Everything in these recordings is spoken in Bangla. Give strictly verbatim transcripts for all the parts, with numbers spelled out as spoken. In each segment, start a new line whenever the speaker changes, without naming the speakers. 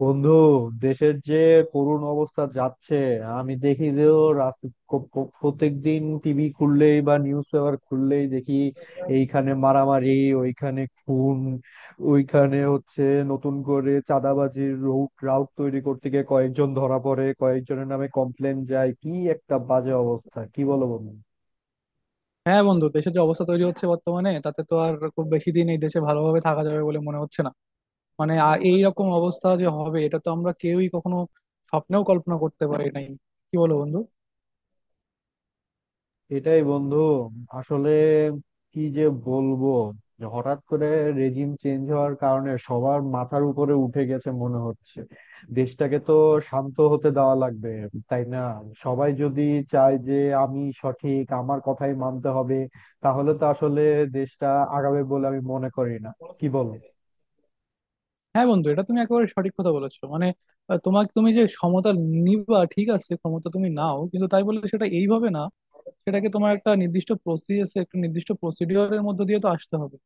বন্ধু, দেশের যে করুণ অবস্থা যাচ্ছে, আমি দেখি যে প্রত্যেক দিন টিভি খুললেই বা নিউজ পেপার খুললেই দেখি এইখানে মারামারি, ওইখানে খুন, ওইখানে হচ্ছে নতুন করে চাঁদাবাজির রুট রাউট তৈরি করতে গিয়ে কয়েকজন ধরা পড়ে, কয়েকজনের নামে কমপ্লেন যায়। কি একটা বাজে অবস্থা, কি বলো বন্ধু?
হ্যাঁ বন্ধু, দেশের যে অবস্থা তৈরি হচ্ছে বর্তমানে, তাতে তো আর খুব বেশি দিন এই দেশে ভালোভাবে থাকা যাবে বলে মনে হচ্ছে না। মানে আ- এইরকম অবস্থা যে হবে এটা তো আমরা কেউই কখনো স্বপ্নেও কল্পনা করতে পারি নাই। কি বলো বন্ধু?
এটাই বন্ধু, আসলে কি যে বলবো, যে হঠাৎ করে রেজিম চেঞ্জ হওয়ার কারণে সবার মাথার উপরে উঠে গেছে মনে হচ্ছে। দেশটাকে তো শান্ত হতে দেওয়া লাগবে, তাই না? সবাই যদি চায় যে আমি সঠিক, আমার কথাই মানতে হবে, তাহলে তো আসলে দেশটা আগাবে বলে আমি মনে করি না। কি বলো?
হ্যাঁ বন্ধু, এটা তুমি একেবারে সঠিক কথা বলেছো। মানে আহ, তোমাকে, তুমি যে ক্ষমতা নিবা ঠিক আছে, ক্ষমতা তুমি নাও, কিন্তু তাই বলে সেটা এইভাবে না। সেটাকে তোমার একটা নির্দিষ্ট প্রসেস, একটা নির্দিষ্ট প্রসিডিওরের মধ্যে দিয়ে তো আসতে হবে।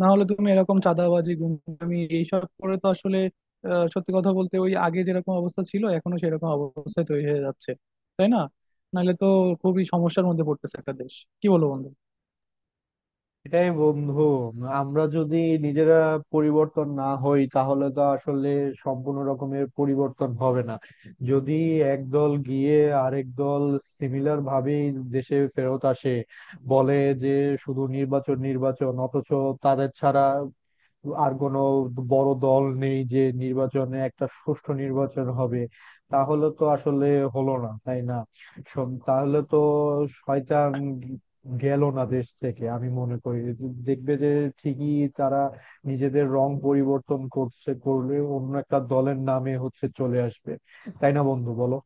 না হলে তুমি এরকম চাঁদাবাজি, গুন্ডামি এইসব করে তো আসলে আহ, সত্যি কথা বলতে, ওই আগে যেরকম অবস্থা ছিল এখনো সেরকম অবস্থা তৈরি হয়ে যাচ্ছে। তাই না? নাহলে তো খুবই সমস্যার মধ্যে পড়তেছে একটা দেশ। কি বলো বন্ধু?
এটাই বন্ধু, আমরা যদি নিজেরা পরিবর্তন না হই তাহলে তো আসলে সম্পূর্ণ রকমের পরিবর্তন হবে না। যদি একদল গিয়ে আরেক দল সিমিলার ভাবে দেশে ফেরত আসে, বলে যে শুধু নির্বাচন নির্বাচন, অথচ তাদের ছাড়া আর কোনো বড় দল নেই যে নির্বাচনে একটা সুষ্ঠু নির্বাচন হবে, তাহলে তো আসলে হলো না, তাই না? শোন, তাহলে তো শয়তান গেল না দেশ থেকে, আমি মনে করি। দেখবে যে ঠিকই তারা নিজেদের রং পরিবর্তন করছে, করলে অন্য একটা দলের নামে হচ্ছে চলে আসবে। তাই না বন্ধু, বলো?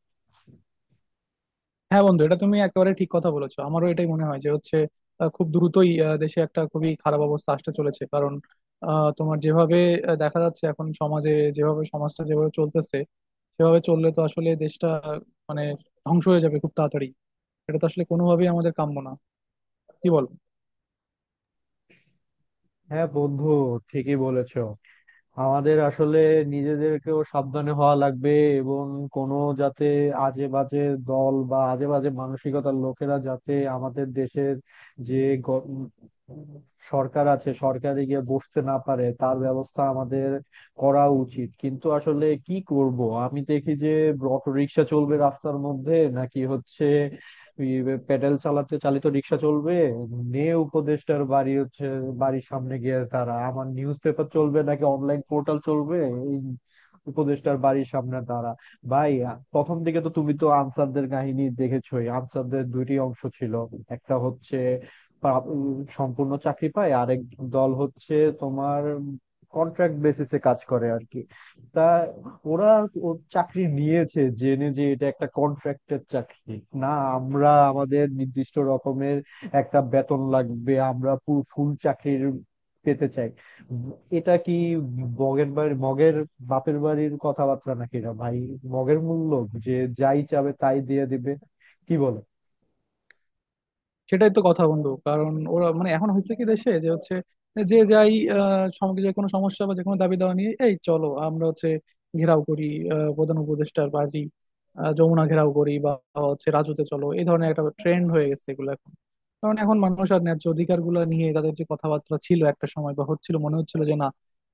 হ্যাঁ বন্ধু, এটা তুমি একেবারে ঠিক কথা বলেছো। আমারও এটাই মনে হয় যে হচ্ছে, আহ, খুব দ্রুতই আহ, দেশে একটা খুবই খারাপ অবস্থা আসতে চলেছে। কারণ আহ, তোমার যেভাবে আহ, দেখা যাচ্ছে এখন সমাজে যেভাবে সমাজটা যেভাবে চলতেছে, সেভাবে চললে তো আসলে দেশটা মানে ধ্বংস হয়ে যাবে খুব তাড়াতাড়ি। এটা তো আসলে কোনোভাবেই আমাদের কাম্য না। কি বল?
হ্যাঁ বন্ধু, ঠিকই বলেছো। আমাদের আসলে নিজেদেরকেও সাবধানে হওয়া লাগবে, এবং কোনো, যাতে আজে বাজে দল বা আজে বাজে মানসিকতার লোকেরা যাতে আমাদের দেশের যে গ- সরকার আছে সরকারে গিয়ে বসতে না পারে তার ব্যবস্থা আমাদের করা উচিত। কিন্তু আসলে কি করব? আমি দেখি যে অটো রিক্সা চলবে রাস্তার মধ্যে নাকি হচ্ছে, ওই প্যাডেল চালাতে চালিত রিক্সা চলবে, নে উপদেষ্টার বাড়ি হচ্ছে বাড়ির সামনে গিয়ে তারা। আমার নিউজ পেপার চলবে নাকি অনলাইন পোর্টাল চলবে, এই উপদেষ্টার বাড়ির সামনে তারা। ভাই, প্রথম দিকে তো তুমি তো আনসারদের কাহিনী দেখেছোই। আনসারদের দুইটি অংশ ছিল, একটা হচ্ছে পা- উম, সম্পূর্ণ চাকরি পায়, আরেক দল হচ্ছে তোমার কন্ট্রাক্ট বেসিসে কাজ করে আর কি। তা ওরা ও চাকরি নিয়েছে জেনে যে এটা একটা কন্ট্রাক্টের চাকরি। না, আমরা আমাদের নির্দিষ্ট রকমের একটা বেতন লাগবে, আমরা পুরো ফুল চাকরির পেতে চাই। উম, এটা কি মগের বাড়ি, মগের বাপের বাড়ির কথাবার্তা নাকি? না ভাই, মগের মূল্য, যে যাই চাবে তাই দিয়ে দিবে। কি বলে?
সেটাই তো কথা বন্ধু। কারণ ওরা মানে এখন হয়েছে কি, দেশে যে হচ্ছে, যে যাই আহ, সম- যে কোনো সমস্যা বা যে কোনো দাবি দাওয়া নিয়ে এই চলো আমরা হচ্ছে ঘেরাও করি আহ, প্রধান উপদেষ্টার বাড়ি, আহ, যমুনা ঘেরাও করি, বা হচ্ছে রাজুতে চলো, এই ধরনের একটা ট্রেন্ড হয়ে গেছে এগুলো এখন। কারণ এখন মানুষ আর ন্যায্য অধিকার গুলা নিয়ে তাদের যে কথাবার্তা ছিল একটা সময়, বা হচ্ছিল মনে হচ্ছিল যে না,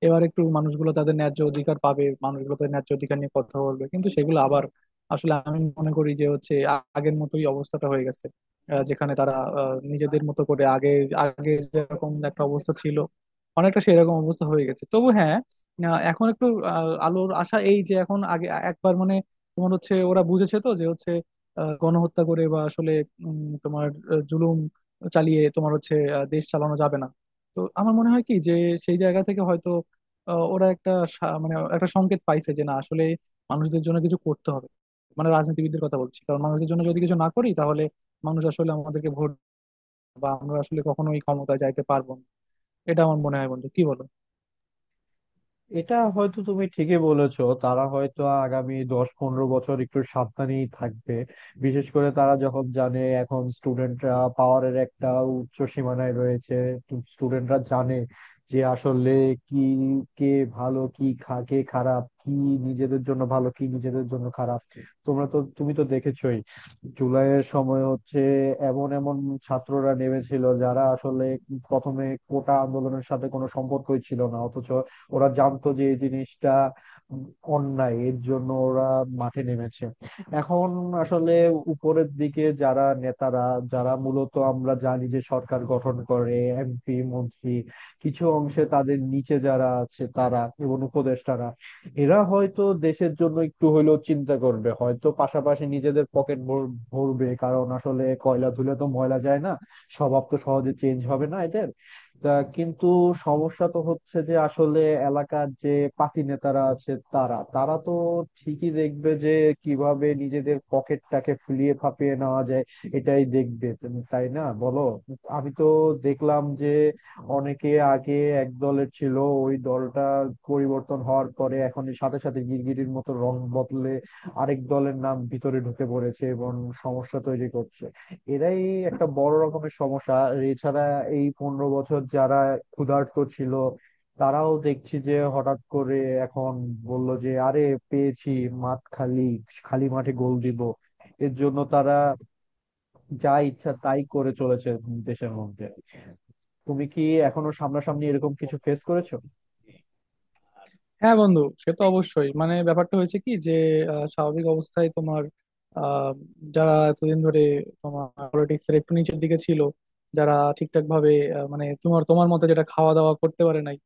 এবার একটু মানুষগুলো তাদের ন্যায্য অধিকার পাবে, মানুষগুলো তাদের ন্যায্য অধিকার নিয়ে কথা বলবে, কিন্তু সেগুলো আবার আসলে আমি মনে করি যে হচ্ছে আ- আগের মতোই অবস্থাটা হয়ে গেছে। আহ, যেখানে তারা আহ, নিজেদের মতো করে আগে আগে যেরকম একটা অবস্থা ছিল অনেকটা সেরকম অবস্থা হয়ে গেছে। তবু হ্যাঁ, আহ, এখন একটু আহ, আলোর আশা, এই যে এখন আগে একবার মানে তোমার হচ্ছে ওরা বুঝেছে তো যে হচ্ছে আহ, গণহত্যা করে বা আসলে উম, তোমার আহ, জুলুম চালিয়ে তোমার হচ্ছে আহ, দেশ চালানো যাবে না। তো আমার মনে হয় কি, যে সেই জায়গা থেকে হয়তো আহ, ওরা একটা সা- মানে একটা সংকেত পাইছে যে না, আসলে মানুষদের জন্য কিছু করতে হবে। মানে রাজনীতিবিদদের কথা বলছি, কারণ মানুষদের জন্য যদি কিছু না করি তাহলে মানুষ আসলে আমাদেরকে ভোট বা আমরা আসলে কখনোই ক্ষমতায় যাইতে পারবো না। এটা আমার মনে হয় বন্ধু, কি বলো?
এটা হয়তো তুমি ঠিকই বলেছো, তারা হয়তো আগামী দশ পনেরো বছর একটু সাবধানেই থাকবে। বিশেষ করে তারা যখন জানে এখন স্টুডেন্টরা পাওয়ারের একটা উচ্চ সীমানায় রয়েছে। স্টুডেন্টরা জানে যে আসলে কি, কে ভালো কি খা- কে খারাপ কি, নিজেদের জন্য ভালো কি নিজেদের জন্য খারাপ। তোমরা তো, তুমি তো দেখেছোই জুলাইয়ের সময় হচ্ছে এমন এমন ছাত্ররা নেমেছিল যারা আসলে প্রথমে কোটা আন্দোলনের সাথে কোনো সম্পর্কই ছিল না, অথচ ওরা জানতো যে এই জিনিসটা অন্যায়, এর জন্য ওরা মাঠে নেমেছে। এখন আসলে উপরের দিকে যারা নেতারা, যারা মূলত আমরা জানি যে সরকার গঠন করে, এমপি মন্ত্রী, কিছু অংশে তাদের নিচে যারা আছে তারা এবং উপদেষ্টারা, এরা হয়তো দেশের জন্য একটু হইলেও চিন্তা করবে, হয়তো পাশাপাশি নিজেদের পকেট ভরবে, কারণ আসলে কয়লা ধুলে তো ময়লা যায় না। স্বভাব তো সহজে চেঞ্জ হবে না এদের। তা কিন্তু সমস্যা তো হচ্ছে যে আসলে এলাকার যে পাতি নেতারা আছে তারা তারা তো ঠিকই দেখবে যে কিভাবে নিজেদের পকেটটাকে ফুলিয়ে ফাঁপিয়ে নেওয়া যায়। এটাই দেখবে তুমি, তাই না বলো? আমি তো দেখলাম যে অনেকে আগে এক দলের ছিল, ওই দলটা পরিবর্তন হওয়ার পরে এখন সাথে সাথে গিরগিটির মতো রং বদলে আরেক দলের নাম ভিতরে ঢুকে পড়েছে এবং সমস্যা তৈরি করছে। এরাই একটা বড় রকমের সমস্যা। আর এছাড়া এই পনেরো বছর যারা ক্ষুধার্ত ছিল তারাও দেখছি যে হঠাৎ করে এখন বলল যে আরে পেয়েছি, মাঠ খালি, খালি মাঠে গোল দিব। এর জন্য তারা যা ইচ্ছা তাই করে চলেছে দেশের মধ্যে। তুমি কি এখনো সামনাসামনি এরকম কিছু ফেস করেছো?
হ্যাঁ বন্ধু, সে তো অবশ্যই। মানে ব্যাপারটা হয়েছে কি যে আহ, স্বাভাবিক অবস্থায় তোমার আহ, যারা এতদিন ধরে তোমার পলিটিক্স এর একটু নিচের দিকে ছিল, যারা ঠিকঠাক ভাবে আহ, মানে তোমার তোমার মতে যেটা, খাওয়া দাওয়া করতে পারে নাই,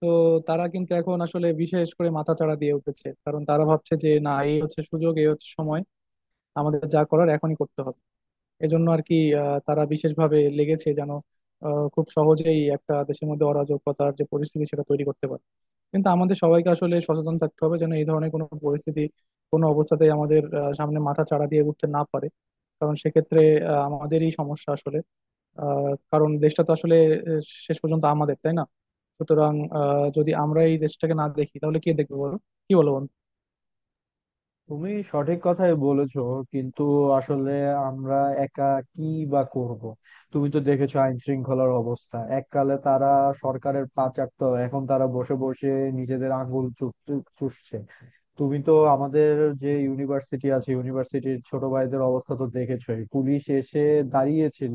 তো তারা কিন্তু এখন আসলে বিশেষ করে মাথাচাড়া দিয়ে উঠেছে। কারণ তারা ভাবছে যে না, এই হচ্ছে সুযোগ, এই হচ্ছে সময়, আমাদের যা করার এখনই করতে হবে। এজন্য আর কি আহ, তারা বিশেষভাবে লেগেছে যেন আহ, খুব সহজেই একটা দেশের মধ্যে অরাজকতার যে পরিস্থিতি সেটা তৈরি করতে পারে। কিন্তু আমাদের সবাইকে আসলে সচেতন থাকতে হবে যেন এই ধরনের কোনো পরিস্থিতি কোনো অবস্থাতেই আমাদের আহ, সামনে মাথা চাড়া দিয়ে উঠতে না পারে। কারণ সেক্ষেত্রে আহ, আমাদেরই সমস্যা আসলে। আহ, কারণ দেশটা তো আসলে আহ, শেষ পর্যন্ত আমাদের, তাই না? সুতরাং আহ, যদি আমরা এই দেশটাকে না দেখি তাহলে কে দেখবে বলো? কি বলো বন্ধু?
তুমি সঠিক কথাই বলেছো, কিন্তু আসলে আমরা একা কি বা করব। তুমি তো দেখেছো আইন শৃঙ্খলার অবস্থা, এককালে তারা সরকারের পা চাটতো, এখন তারা বসে বসে নিজেদের আঙ্গুল চু- চু- চুষছে। তুমি তো আমাদের যে ইউনিভার্সিটি আছে, ইউনিভার্সিটির ছোট ভাইদের অবস্থা তো দেখেছোই, পুলিশ এসে দাঁড়িয়েছিল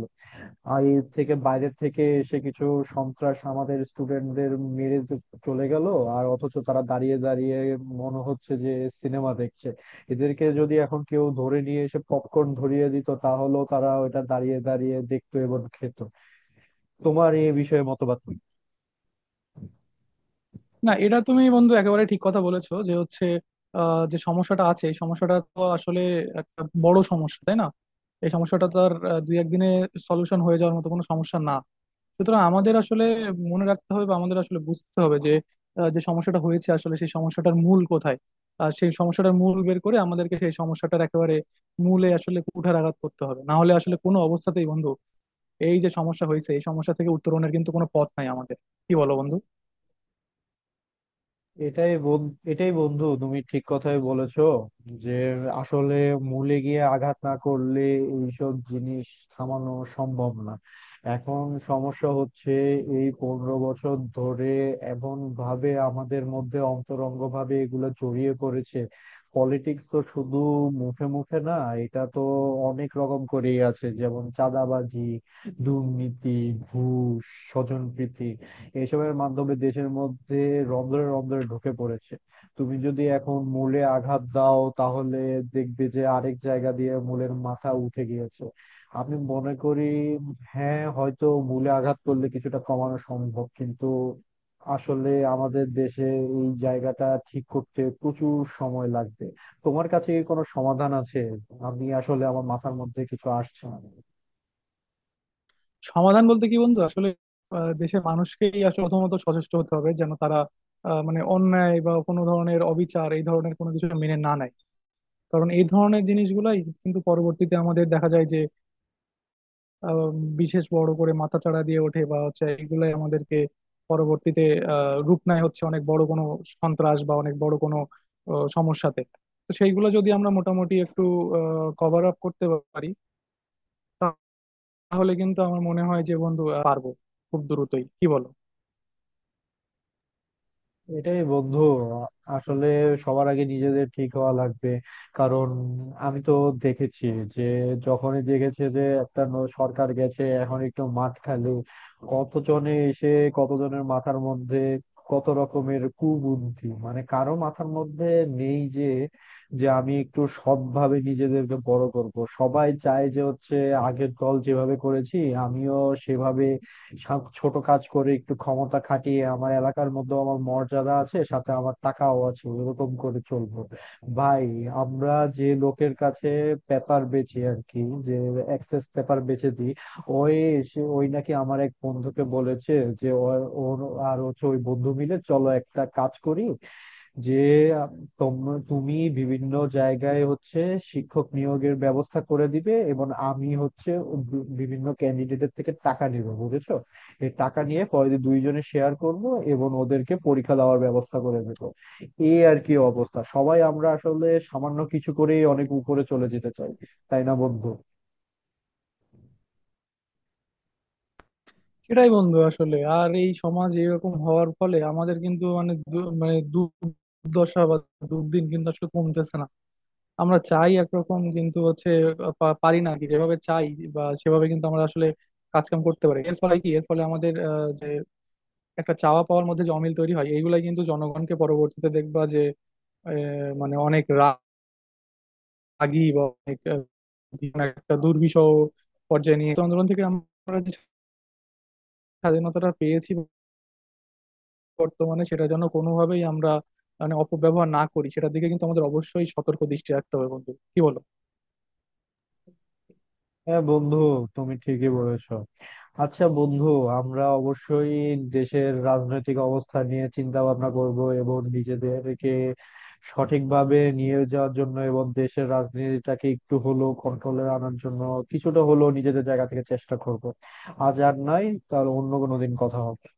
আর এর থেকে বাইরের থেকে এসে কিছু সন্ত্রাস আমাদের স্টুডেন্টদের মেরে চ- চলে গেল, আর অথচ তারা দাঁড়িয়ে দাঁড়িয়ে মনে হচ্ছে যে সিনেমা দেখছে। এদেরকে যদি এখন কেউ ধরে নিয়ে এসে পপকর্ন ধরিয়ে দিত তাহলেও তারা ওটা দাঁড়িয়ে দাঁড়িয়ে দেখতো এবং খেত। তোমার এই বিষয়ে মতবাদ কি?
না, এটা তুমি বন্ধু একেবারে ঠিক কথা বলেছো যে হচ্ছে আহ, যে সমস্যাটা আছে এই সমস্যাটা তো আসলে একটা বড় সমস্যা, তাই না? এই সমস্যাটা তো আর আহ, দুই একদিনে সলিউশন হয়ে যাওয়ার মতো কোনো সমস্যা না। সুতরাং আমাদের আসলে মনে রাখতে হবে, বা আমাদের আসলে বুঝতে হবে যে আহ, যে সমস্যাটা হয়েছে আসলে সেই সমস্যাটার মূল কোথায়। আর সেই সমস্যাটার মূল বের করে আমাদেরকে সেই সমস্যাটার একেবারে মূলে আসলে কুঠারাঘাত করতে হবে। না হলে আসলে কোনো অবস্থাতেই বন্ধু, এই যে সমস্যা হয়েছে এই সমস্যা থেকে উত্তরণের কিন্তু কোনো পথ নাই আমাদের। কি বলো বন্ধু?
এটাই বন- এটাই বন্ধু, তুমি ঠিক কথাই বলেছো, যে আসলে মূলে গিয়ে আঘাত না করলে এইসব জিনিস থামানো সম্ভব না। এখন সমস্যা হচ্ছে এই পনেরো বছর ধরে এমন ভাবে আমাদের মধ্যে অন্তরঙ্গ ভাবে এগুলো জড়িয়ে পড়েছে। পলিটিক্স তো শুধু মুখে মুখে না, এটা তো অনেক রকম করেই আছে, যেমন চাঁদাবাজি, দুর্নীতি, ঘুষ, স্বজনপ্রীতি, এসবের মাধ্যমে দেশের মধ্যে রন্ধ্রে রন্ধ্রে ঢুকে পড়েছে। তুমি যদি এখন মূলে আঘাত দাও তাহলে দেখবে যে আরেক জায়গা দিয়ে মূলের মাথা উঠে গিয়েছে। আমি মনে করি হ্যাঁ, হয়তো মূলে আঘাত করলে কিছুটা কমানো সম্ভব, কিন্তু আসলে আমাদের দেশে এই জায়গাটা ঠিক করতে প্রচুর সময় লাগবে। তোমার কাছে কি কোনো সমাধান আছে? আমি আসলে আমার মাথার মধ্যে কিছু আসছে না।
সমাধান বলতে কি বন্ধু, আসলে আহ, দেশের মানুষকেই আসলে প্রথমত সচেষ্ট হতে হবে যেন তারা আহ, মানে অন্যায় বা কোনো ধরনের অবিচার, এই ধরনের কোনো কিছু মেনে না নেয়। কারণ এই ধরনের জিনিসগুলাই কিন্তু পরবর্তীতে আমাদের দেখা যায় যে আহ, বিশেষ বড় করে মাথাচাড়া দিয়ে ওঠে বা হচ্ছে এগুলাই আমাদেরকে পরবর্তীতে আহ রূপ নেয় হচ্ছে অনেক বড় কোনো সন্ত্রাস বা অনেক বড় কোনো আহ, সমস্যাতে। তো সেইগুলো যদি আমরা মোটামুটি একটু কভার আপ করতে পারি, তাহলে কিন্তু আমার মনে হয় যে বন্ধু আহ, পারবো খুব দ্রুতই। কি বলো?
এটাই বন্ধু, আসলে সবার আগে নিজেদের ঠিক হওয়া লাগবে। কারণ আমি তো দেখেছি যে যখনই দেখেছে যে একটা ন- সরকার গেছে এখন একটু মাঠ খালি, কতজনে এসে কতজনের মাথার মধ্যে কত রকমের কুবুদ্ধি। মানে কারো মাথার মধ্যে নেই যে, যে আমি একটু সৎভাবে নিজেদেরকে বড় করব। সবাই চায় যে হচ্ছে আগের দল যেভাবে করেছি আমিও সেভাবে সব ছোট কাজ করে একটু ক্ষমতা খাটিয়ে আমার এলাকার মধ্যে আমার মর্যাদা আছে সাথে আমার টাকাও আছে এরকম করে চলবো। ভাই, আমরা যে লোকের কাছে পেপার বেচি আর কি, যে এক্সেস পেপার বেচে দিই, ওই সে ওই নাকি আমার এক বন্ধুকে বলেছে যে ও- ওর আর হচ্ছে ওই বন্ধু মিলে চলো একটা কাজ করি, যে আহ, তোম- তুমি বিভিন্ন জায়গায় হচ্ছে শিক্ষক নিয়োগের ব্যবস্থা করে দিবে এবং আমি হচ্ছে বি- বিভিন্ন ক্যান্ডিডেটের থেকে টাকা নেব, বুঝেছো? এই টাকা নিয়ে পরে দুইজনে শেয়ার করব এবং ওদেরকে পরীক্ষা দেওয়ার ব্যবস্থা করে দেবো। এই আর কি অবস্থা, সবাই আমরা আসলে সামান্য কিছু করেই অনেক উপরে চলে যেতে চাই, তাই না বন্ধু?
সেটাই বন্ধু, আসলে আর এই সমাজ এরকম হওয়ার ফলে আমাদের কিন্তু মানে দু- মানে দুর্দশা বা দুর্দিন কিন্তু আসলে কমতেছে না। আমরা চাই একরকম, কিন্তু হচ্ছে পা- পারি না আর কি যেভাবে চাই বা সেভাবে কিন্তু আমরা আসলে কাজকাম করতে পারি। এর ফলে কি, এর ফলে আমাদের আহ, যে একটা চাওয়া পাওয়ার মধ্যে যে অমিল তৈরি হয় এইগুলাই কিন্তু জনগণকে পরবর্তীতে দেখবা যে আহ, মানে অনেক রাগী বা অনেক আহ, একটা দুর্বিষহ পর্যায়ে নিয়ে, তো আন্দোলন থেকে আমরা যে স্বাধীনতাটা পেয়েছি বর্তমানে সেটা যেন কোনোভাবেই আমরা মানে অপব্যবহার না করি, সেটার দিকে কিন্তু আমাদের অবশ্যই সতর্ক দৃষ্টি রাখতে হবে বন্ধু। কি বলো?
হ্যাঁ বন্ধু, তুমি ঠিকই বলেছো। আচ্ছা বন্ধু, আমরা অবশ্যই দেশের রাজনৈতিক অবস্থা নিয়ে চিন্তা ভাবনা করব এবং নিজেদেরকে সঠিকভাবে নিয়ে যাওয়ার জন্য এবং দেশের রাজনীতিটাকে একটু হলেও কন্ট্রোলে আনার জন্য কিছুটা হলেও নিজেদের জায়গা থেকে চেষ্টা করব। আজ আর নাই, তাহলে অন্য কোনো দিন কথা হবে।